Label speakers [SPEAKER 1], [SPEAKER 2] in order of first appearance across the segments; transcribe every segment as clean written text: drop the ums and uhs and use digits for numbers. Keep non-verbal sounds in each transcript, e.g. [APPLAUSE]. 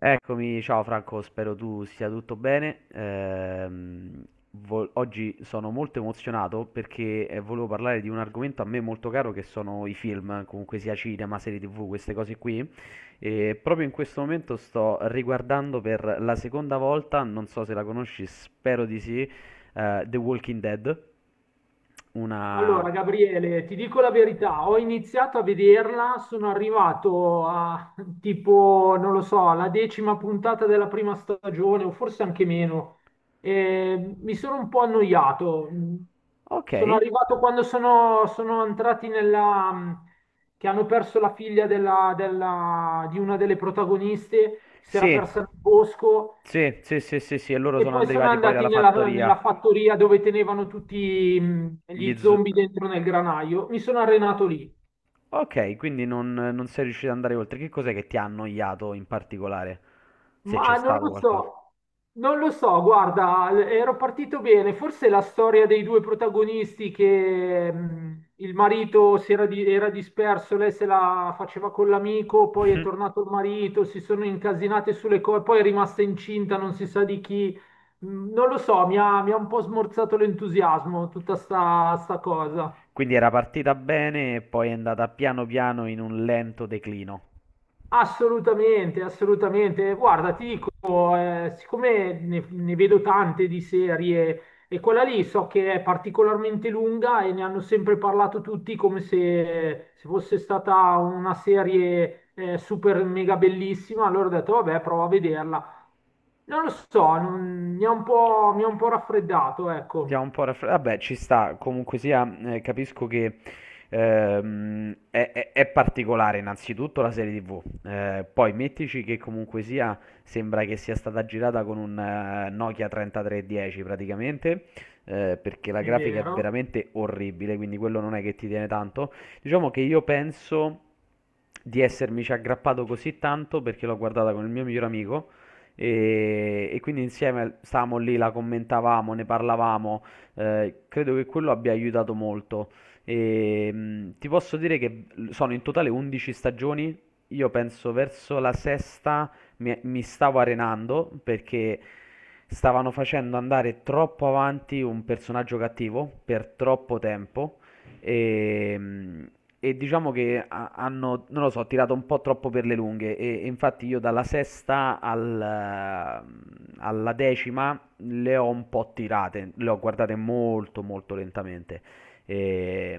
[SPEAKER 1] Eccomi, ciao Franco, spero tu stia tutto bene. Oggi sono molto emozionato perché volevo parlare di un argomento a me molto caro che sono i film, comunque sia cinema, serie TV, queste cose qui. E proprio in questo momento sto riguardando per la seconda volta, non so se la conosci, spero di sì, The Walking Dead. Una...
[SPEAKER 2] Allora, Gabriele, ti dico la verità, ho iniziato a vederla, sono arrivato a tipo, non lo so, alla decima puntata della prima stagione o forse anche meno. E mi sono un po' annoiato.
[SPEAKER 1] Ok,
[SPEAKER 2] Sono arrivato quando sono entrati nella... che hanno perso la figlia di una delle protagoniste, si era
[SPEAKER 1] sì.
[SPEAKER 2] persa nel bosco
[SPEAKER 1] Sì, sì, sì, sì, sì, e loro
[SPEAKER 2] e
[SPEAKER 1] sono
[SPEAKER 2] poi sono
[SPEAKER 1] arrivati poi
[SPEAKER 2] andati
[SPEAKER 1] dalla
[SPEAKER 2] nella
[SPEAKER 1] fattoria.
[SPEAKER 2] fattoria dove tenevano tutti
[SPEAKER 1] Gli
[SPEAKER 2] gli
[SPEAKER 1] zo-
[SPEAKER 2] zombie dentro nel granaio. Mi sono arenato lì.
[SPEAKER 1] Ok, quindi non sei riuscito ad andare oltre. Che cos'è che ti ha annoiato in particolare? Se c'è
[SPEAKER 2] Ma non
[SPEAKER 1] stato
[SPEAKER 2] lo
[SPEAKER 1] qualcosa.
[SPEAKER 2] so, non lo so, guarda, ero partito bene. Forse la storia dei due protagonisti che il marito si era, era disperso, lei se la faceva con l'amico, poi è
[SPEAKER 1] [LAUGHS]
[SPEAKER 2] tornato il marito, si sono incasinate sulle cose, poi è rimasta incinta, non si sa di chi. Non lo so, mi ha un po' smorzato l'entusiasmo tutta sta cosa.
[SPEAKER 1] Quindi era partita bene e poi è andata piano piano in un lento declino.
[SPEAKER 2] Assolutamente, assolutamente. Guarda, ti dico, siccome ne vedo tante di serie e quella lì so che è particolarmente lunga e ne hanno sempre parlato tutti come se fosse stata una serie super mega bellissima, allora ho detto, vabbè, provo a vederla. Non lo so, mi ha un po', mi ha un po' raffreddato,
[SPEAKER 1] Ti ha
[SPEAKER 2] ecco,
[SPEAKER 1] un po' raffreddato. Vabbè, ci sta, comunque sia, capisco che è particolare innanzitutto la serie TV. Poi mettici che comunque sia, sembra che sia stata girata con un Nokia 3310 praticamente, perché la
[SPEAKER 2] è
[SPEAKER 1] grafica è
[SPEAKER 2] vero.
[SPEAKER 1] veramente orribile, quindi quello non è che ti tiene tanto. Diciamo che io penso di essermici aggrappato così tanto perché l'ho guardata con il mio miglior amico e quindi insieme stavamo lì, la commentavamo, ne parlavamo. Credo che quello abbia aiutato molto. E, ti posso dire che sono in totale 11 stagioni. Io penso verso la sesta mi stavo arenando perché stavano facendo andare troppo avanti un personaggio cattivo per troppo tempo. E diciamo che hanno, non lo so, tirato un po' troppo per le lunghe. E infatti io dalla sesta alla decima le ho un po' tirate, le ho guardate molto molto lentamente. E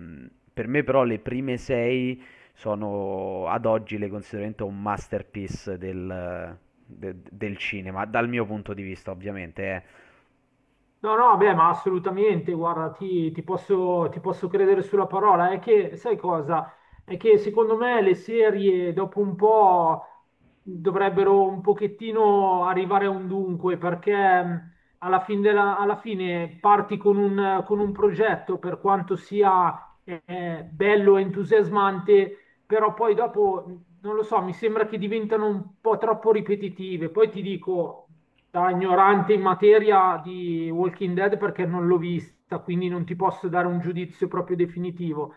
[SPEAKER 1] per me però le prime sei sono ad oggi, le considero veramente un masterpiece del cinema, dal mio punto di vista ovviamente. Eh.
[SPEAKER 2] No, no, beh, ma assolutamente, guarda, ti posso credere sulla parola. È che, sai cosa? È che secondo me le serie dopo un po' dovrebbero un pochettino arrivare a un dunque, perché alla alla fine parti con con un progetto, per quanto sia bello e entusiasmante, però poi dopo, non lo so, mi sembra che diventano un po' troppo ripetitive. Poi ti dico da ignorante in materia di Walking Dead perché non l'ho vista, quindi non ti posso dare un giudizio proprio definitivo,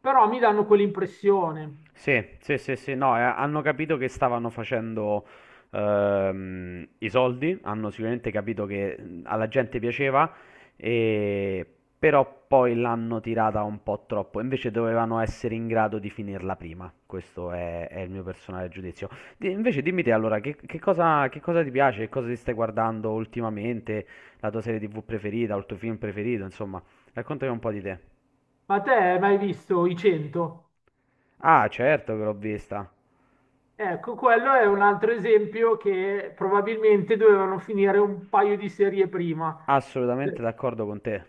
[SPEAKER 2] però mi danno quell'impressione.
[SPEAKER 1] Sì, sì, sì, sì, no, hanno capito che stavano facendo i soldi, hanno sicuramente capito che alla gente piaceva, e- però poi l'hanno tirata un po' troppo, invece dovevano essere in grado di finirla prima, questo è il mio personale giudizio. Invece dimmi te allora, che cosa ti piace, che cosa ti stai guardando ultimamente, la tua serie TV preferita, o il tuo film preferito, insomma, raccontami un po' di te.
[SPEAKER 2] Ma te hai mai visto i 100?
[SPEAKER 1] Ah, certo che l'ho vista.
[SPEAKER 2] Ecco, quello è un altro esempio che probabilmente dovevano finire un paio di serie prima.
[SPEAKER 1] Assolutamente d'accordo con te.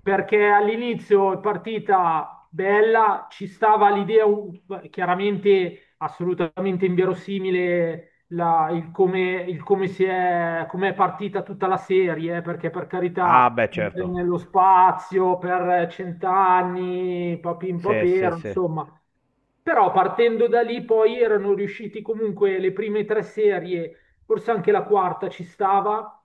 [SPEAKER 2] Perché all'inizio è partita bella, ci stava l'idea chiaramente assolutamente inverosimile il come, il come è partita tutta la serie, perché per
[SPEAKER 1] Ah,
[SPEAKER 2] carità
[SPEAKER 1] beh, certo.
[SPEAKER 2] nello spazio per cent'anni, papin
[SPEAKER 1] Sì, sì,
[SPEAKER 2] papero,
[SPEAKER 1] sì.
[SPEAKER 2] insomma. Però partendo da lì poi erano riusciti comunque le prime tre serie, forse anche la quarta ci stava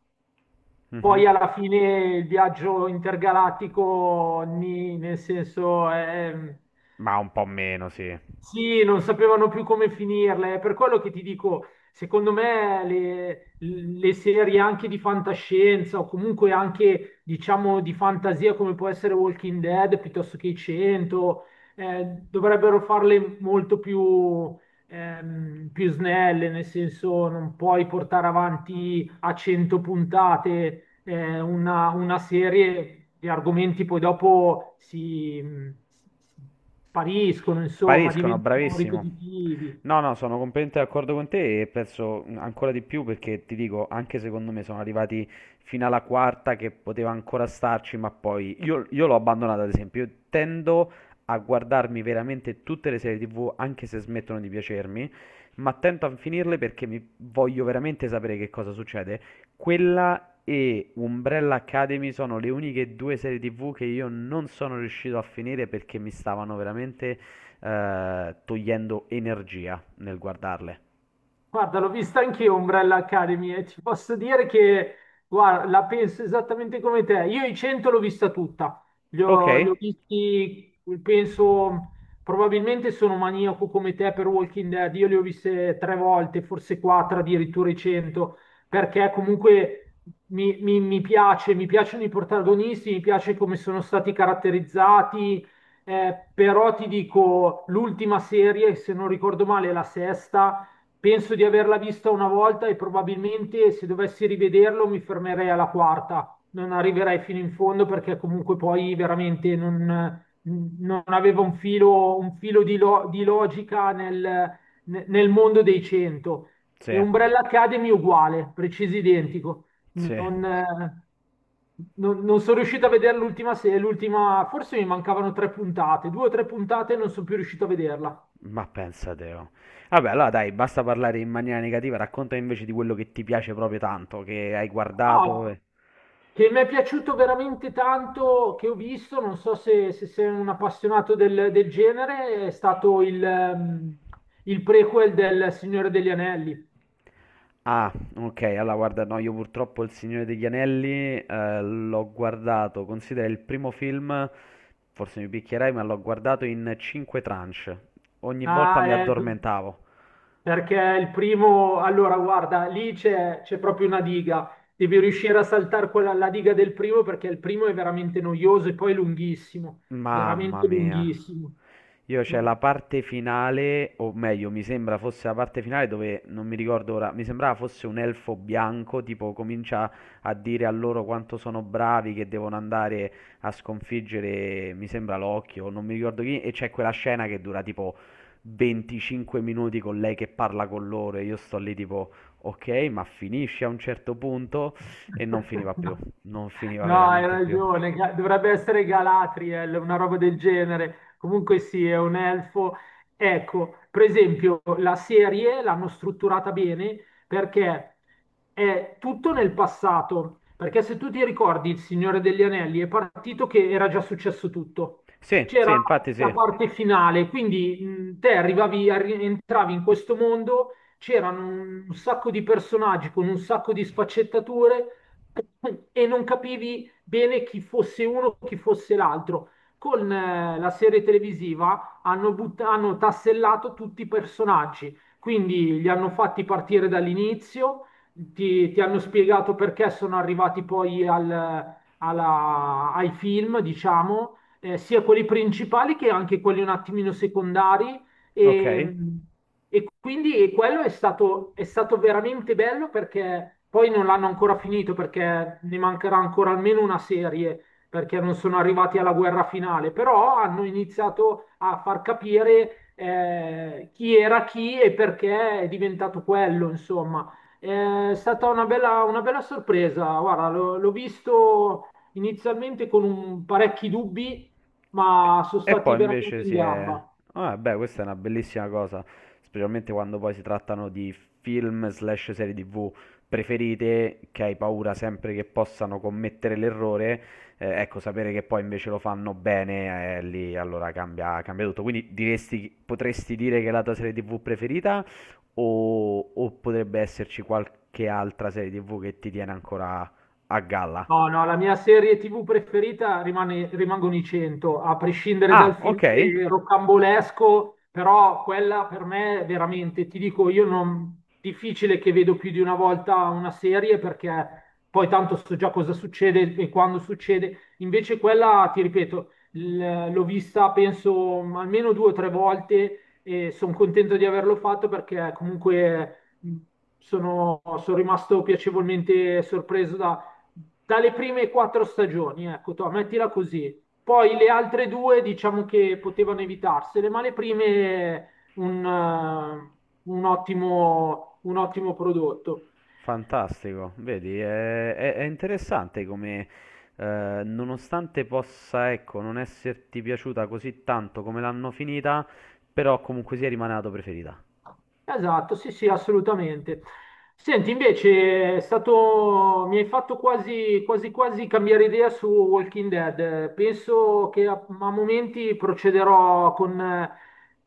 [SPEAKER 2] poi
[SPEAKER 1] Mhm.
[SPEAKER 2] alla fine il viaggio intergalattico, nel senso,
[SPEAKER 1] Ma un po' meno, sì.
[SPEAKER 2] sì, non sapevano più come finirle. È per quello che ti dico, secondo me le serie anche di fantascienza o comunque anche, diciamo, di fantasia come può essere Walking Dead piuttosto che i 100, eh, dovrebbero farle molto più più snelle, nel senso non puoi portare avanti a 100 puntate una serie, gli argomenti poi dopo si, si spariscono, insomma,
[SPEAKER 1] Spariscono,
[SPEAKER 2] diventano
[SPEAKER 1] bravissimo.
[SPEAKER 2] ripetitivi.
[SPEAKER 1] No, no, sono completamente d'accordo con te e penso ancora di più perché ti dico, anche secondo me sono arrivati fino alla quarta che poteva ancora starci, ma poi io l'ho abbandonata ad esempio. Io tendo a guardarmi veramente tutte le serie TV, anche se smettono di piacermi, ma tento a finirle perché mi voglio veramente sapere che cosa succede. Quella e Umbrella Academy sono le uniche due serie TV che io non sono riuscito a finire perché mi stavano veramente togliendo energia nel guardarle.
[SPEAKER 2] Guarda, l'ho vista anch'io Umbrella Academy e ti posso dire che, guarda, la penso esattamente come te. Io i 100 l'ho vista tutta, li
[SPEAKER 1] Ok?
[SPEAKER 2] ho visti, penso, probabilmente sono maniaco come te per Walking Dead, io li ho viste tre volte, forse quattro addirittura i 100, perché comunque mi piace, mi piacciono i protagonisti, mi piace come sono stati caratterizzati, però ti dico, l'ultima serie, se non ricordo male, è la sesta. Penso di averla vista una volta e probabilmente se dovessi rivederlo mi fermerei alla quarta, non arriverei fino in fondo perché comunque poi veramente non, non aveva un filo di, di logica nel mondo dei 100. E
[SPEAKER 1] Sì,
[SPEAKER 2] Umbrella Academy uguale, preciso identico.
[SPEAKER 1] sì,
[SPEAKER 2] Non, eh, non sono riuscito a vedere l'ultima, l'ultima, forse mi mancavano tre puntate, due o tre puntate e non sono più riuscito a vederla.
[SPEAKER 1] ma pensa te. Oh. Vabbè, allora dai, basta parlare in maniera negativa, racconta invece di quello che ti piace proprio tanto, che hai guardato.
[SPEAKER 2] Oh, che mi è piaciuto veramente tanto, che ho visto, non so se, se sei un appassionato del genere, è stato il prequel del Signore degli Anelli.
[SPEAKER 1] Ah, ok, allora guarda, no, io purtroppo Il Signore degli Anelli l'ho guardato, considera il primo film, forse mi picchierai, ma l'ho guardato in 5 tranche. Ogni volta
[SPEAKER 2] Ah,
[SPEAKER 1] mi addormentavo.
[SPEAKER 2] perché il primo, allora guarda, lì c'è proprio una diga, devi riuscire a saltare quella, la diga del primo perché il primo è veramente noioso e poi lunghissimo,
[SPEAKER 1] Mamma
[SPEAKER 2] veramente
[SPEAKER 1] mia.
[SPEAKER 2] lunghissimo.
[SPEAKER 1] Io c'è la
[SPEAKER 2] No.
[SPEAKER 1] parte finale, o meglio, mi sembra fosse la parte finale dove non mi ricordo ora, mi sembrava fosse un elfo bianco, tipo comincia a dire a loro quanto sono bravi, che devono andare a sconfiggere, mi sembra l'occhio, non mi ricordo chi, e c'è quella scena che dura tipo 25 minuti con lei che parla con loro e io sto lì tipo, ok, ma finisce a un certo punto e non finiva più,
[SPEAKER 2] [LAUGHS]
[SPEAKER 1] non finiva
[SPEAKER 2] No, hai
[SPEAKER 1] veramente più.
[SPEAKER 2] ragione, dovrebbe essere Galatriel, una roba del genere. Comunque sì, è un elfo. Ecco, per esempio, la serie l'hanno strutturata bene perché è tutto nel passato. Perché se tu ti ricordi Il Signore degli Anelli è partito che era già successo tutto.
[SPEAKER 1] Sì, sì,
[SPEAKER 2] C'era
[SPEAKER 1] infatti
[SPEAKER 2] la
[SPEAKER 1] sì.
[SPEAKER 2] parte finale, quindi te arrivavi, entravi in questo mondo c'erano un sacco di personaggi con un sacco di sfaccettature e non capivi bene chi fosse uno e chi fosse l'altro. Con la serie televisiva hanno, hanno tassellato tutti i personaggi, quindi li hanno fatti partire dall'inizio, ti hanno spiegato perché sono arrivati poi ai film, diciamo, sia quelli principali che anche quelli un attimino secondari.
[SPEAKER 1] Ok.
[SPEAKER 2] E, e quindi quello è stato veramente bello perché poi non l'hanno ancora finito perché ne mancherà ancora almeno una serie perché non sono arrivati alla guerra finale, però hanno iniziato a far capire chi era chi e perché è diventato quello, insomma. È stata una bella sorpresa, guarda, l'ho visto inizialmente con parecchi dubbi, ma sono
[SPEAKER 1] E
[SPEAKER 2] stati
[SPEAKER 1] poi
[SPEAKER 2] veramente
[SPEAKER 1] invece
[SPEAKER 2] in
[SPEAKER 1] si è...
[SPEAKER 2] gamba.
[SPEAKER 1] Ah, beh, questa è una bellissima cosa, specialmente quando poi si trattano di film slash serie TV preferite che hai paura sempre che possano commettere l'errore. Ecco, sapere che poi invece lo fanno bene, lì allora cambia, cambia tutto. Quindi diresti, potresti dire che è la tua serie TV preferita o potrebbe esserci qualche altra serie TV che ti tiene ancora a galla?
[SPEAKER 2] No, no, la mia serie TV preferita rimangono i 100, a prescindere dal
[SPEAKER 1] Ah, ok.
[SPEAKER 2] finale rocambolesco, però quella per me veramente, ti dico, io non... difficile che vedo più di una volta una serie perché poi tanto so già cosa succede e quando succede. Invece quella, ti ripeto, l'ho vista penso almeno due o tre volte e sono contento di averlo fatto perché comunque sono rimasto piacevolmente sorpreso dalle prime quattro stagioni, ecco, to, mettila così. Poi le altre due diciamo che potevano evitarsele, ma le prime un ottimo prodotto.
[SPEAKER 1] Fantastico, vedi, è interessante come, nonostante possa, ecco, non esserti piaciuta così tanto come l'hanno finita, però comunque sia rimane la tua preferita.
[SPEAKER 2] Esatto, sì, sì, assolutamente. Senti, invece è stato, mi hai fatto quasi, quasi, quasi cambiare idea su Walking Dead. Penso che a, a momenti procederò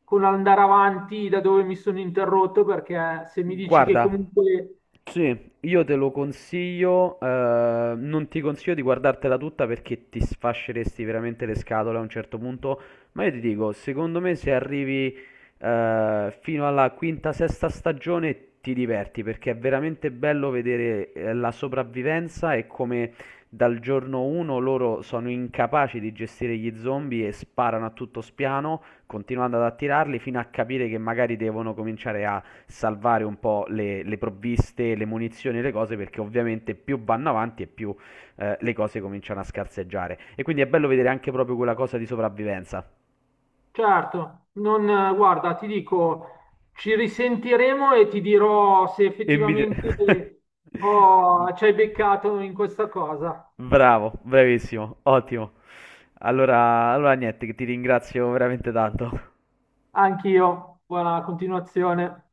[SPEAKER 2] con andare avanti da dove mi sono interrotto, perché se mi dici che
[SPEAKER 1] Guarda,
[SPEAKER 2] comunque
[SPEAKER 1] sì, io te lo consiglio, non ti consiglio di guardartela tutta perché ti sfasceresti veramente le scatole a un certo punto, ma io ti dico, secondo me se arrivi fino alla quinta, sesta stagione ti diverti perché è veramente bello vedere la sopravvivenza e come dal giorno 1 loro sono incapaci di gestire gli zombie e sparano a tutto spiano, continuando ad attirarli fino a capire che magari devono cominciare a salvare un po' le provviste, le munizioni, le cose, perché ovviamente più vanno avanti e più le cose cominciano a scarseggiare. E quindi è bello vedere anche proprio quella cosa di sopravvivenza.
[SPEAKER 2] certo, non, guarda, ti dico, ci risentiremo e ti dirò se
[SPEAKER 1] E mi...
[SPEAKER 2] effettivamente
[SPEAKER 1] dire- [LAUGHS]
[SPEAKER 2] ci hai beccato in questa cosa.
[SPEAKER 1] Bravo, bravissimo, ottimo. Allora, allora niente, che ti ringrazio veramente tanto.
[SPEAKER 2] Anch'io, buona continuazione.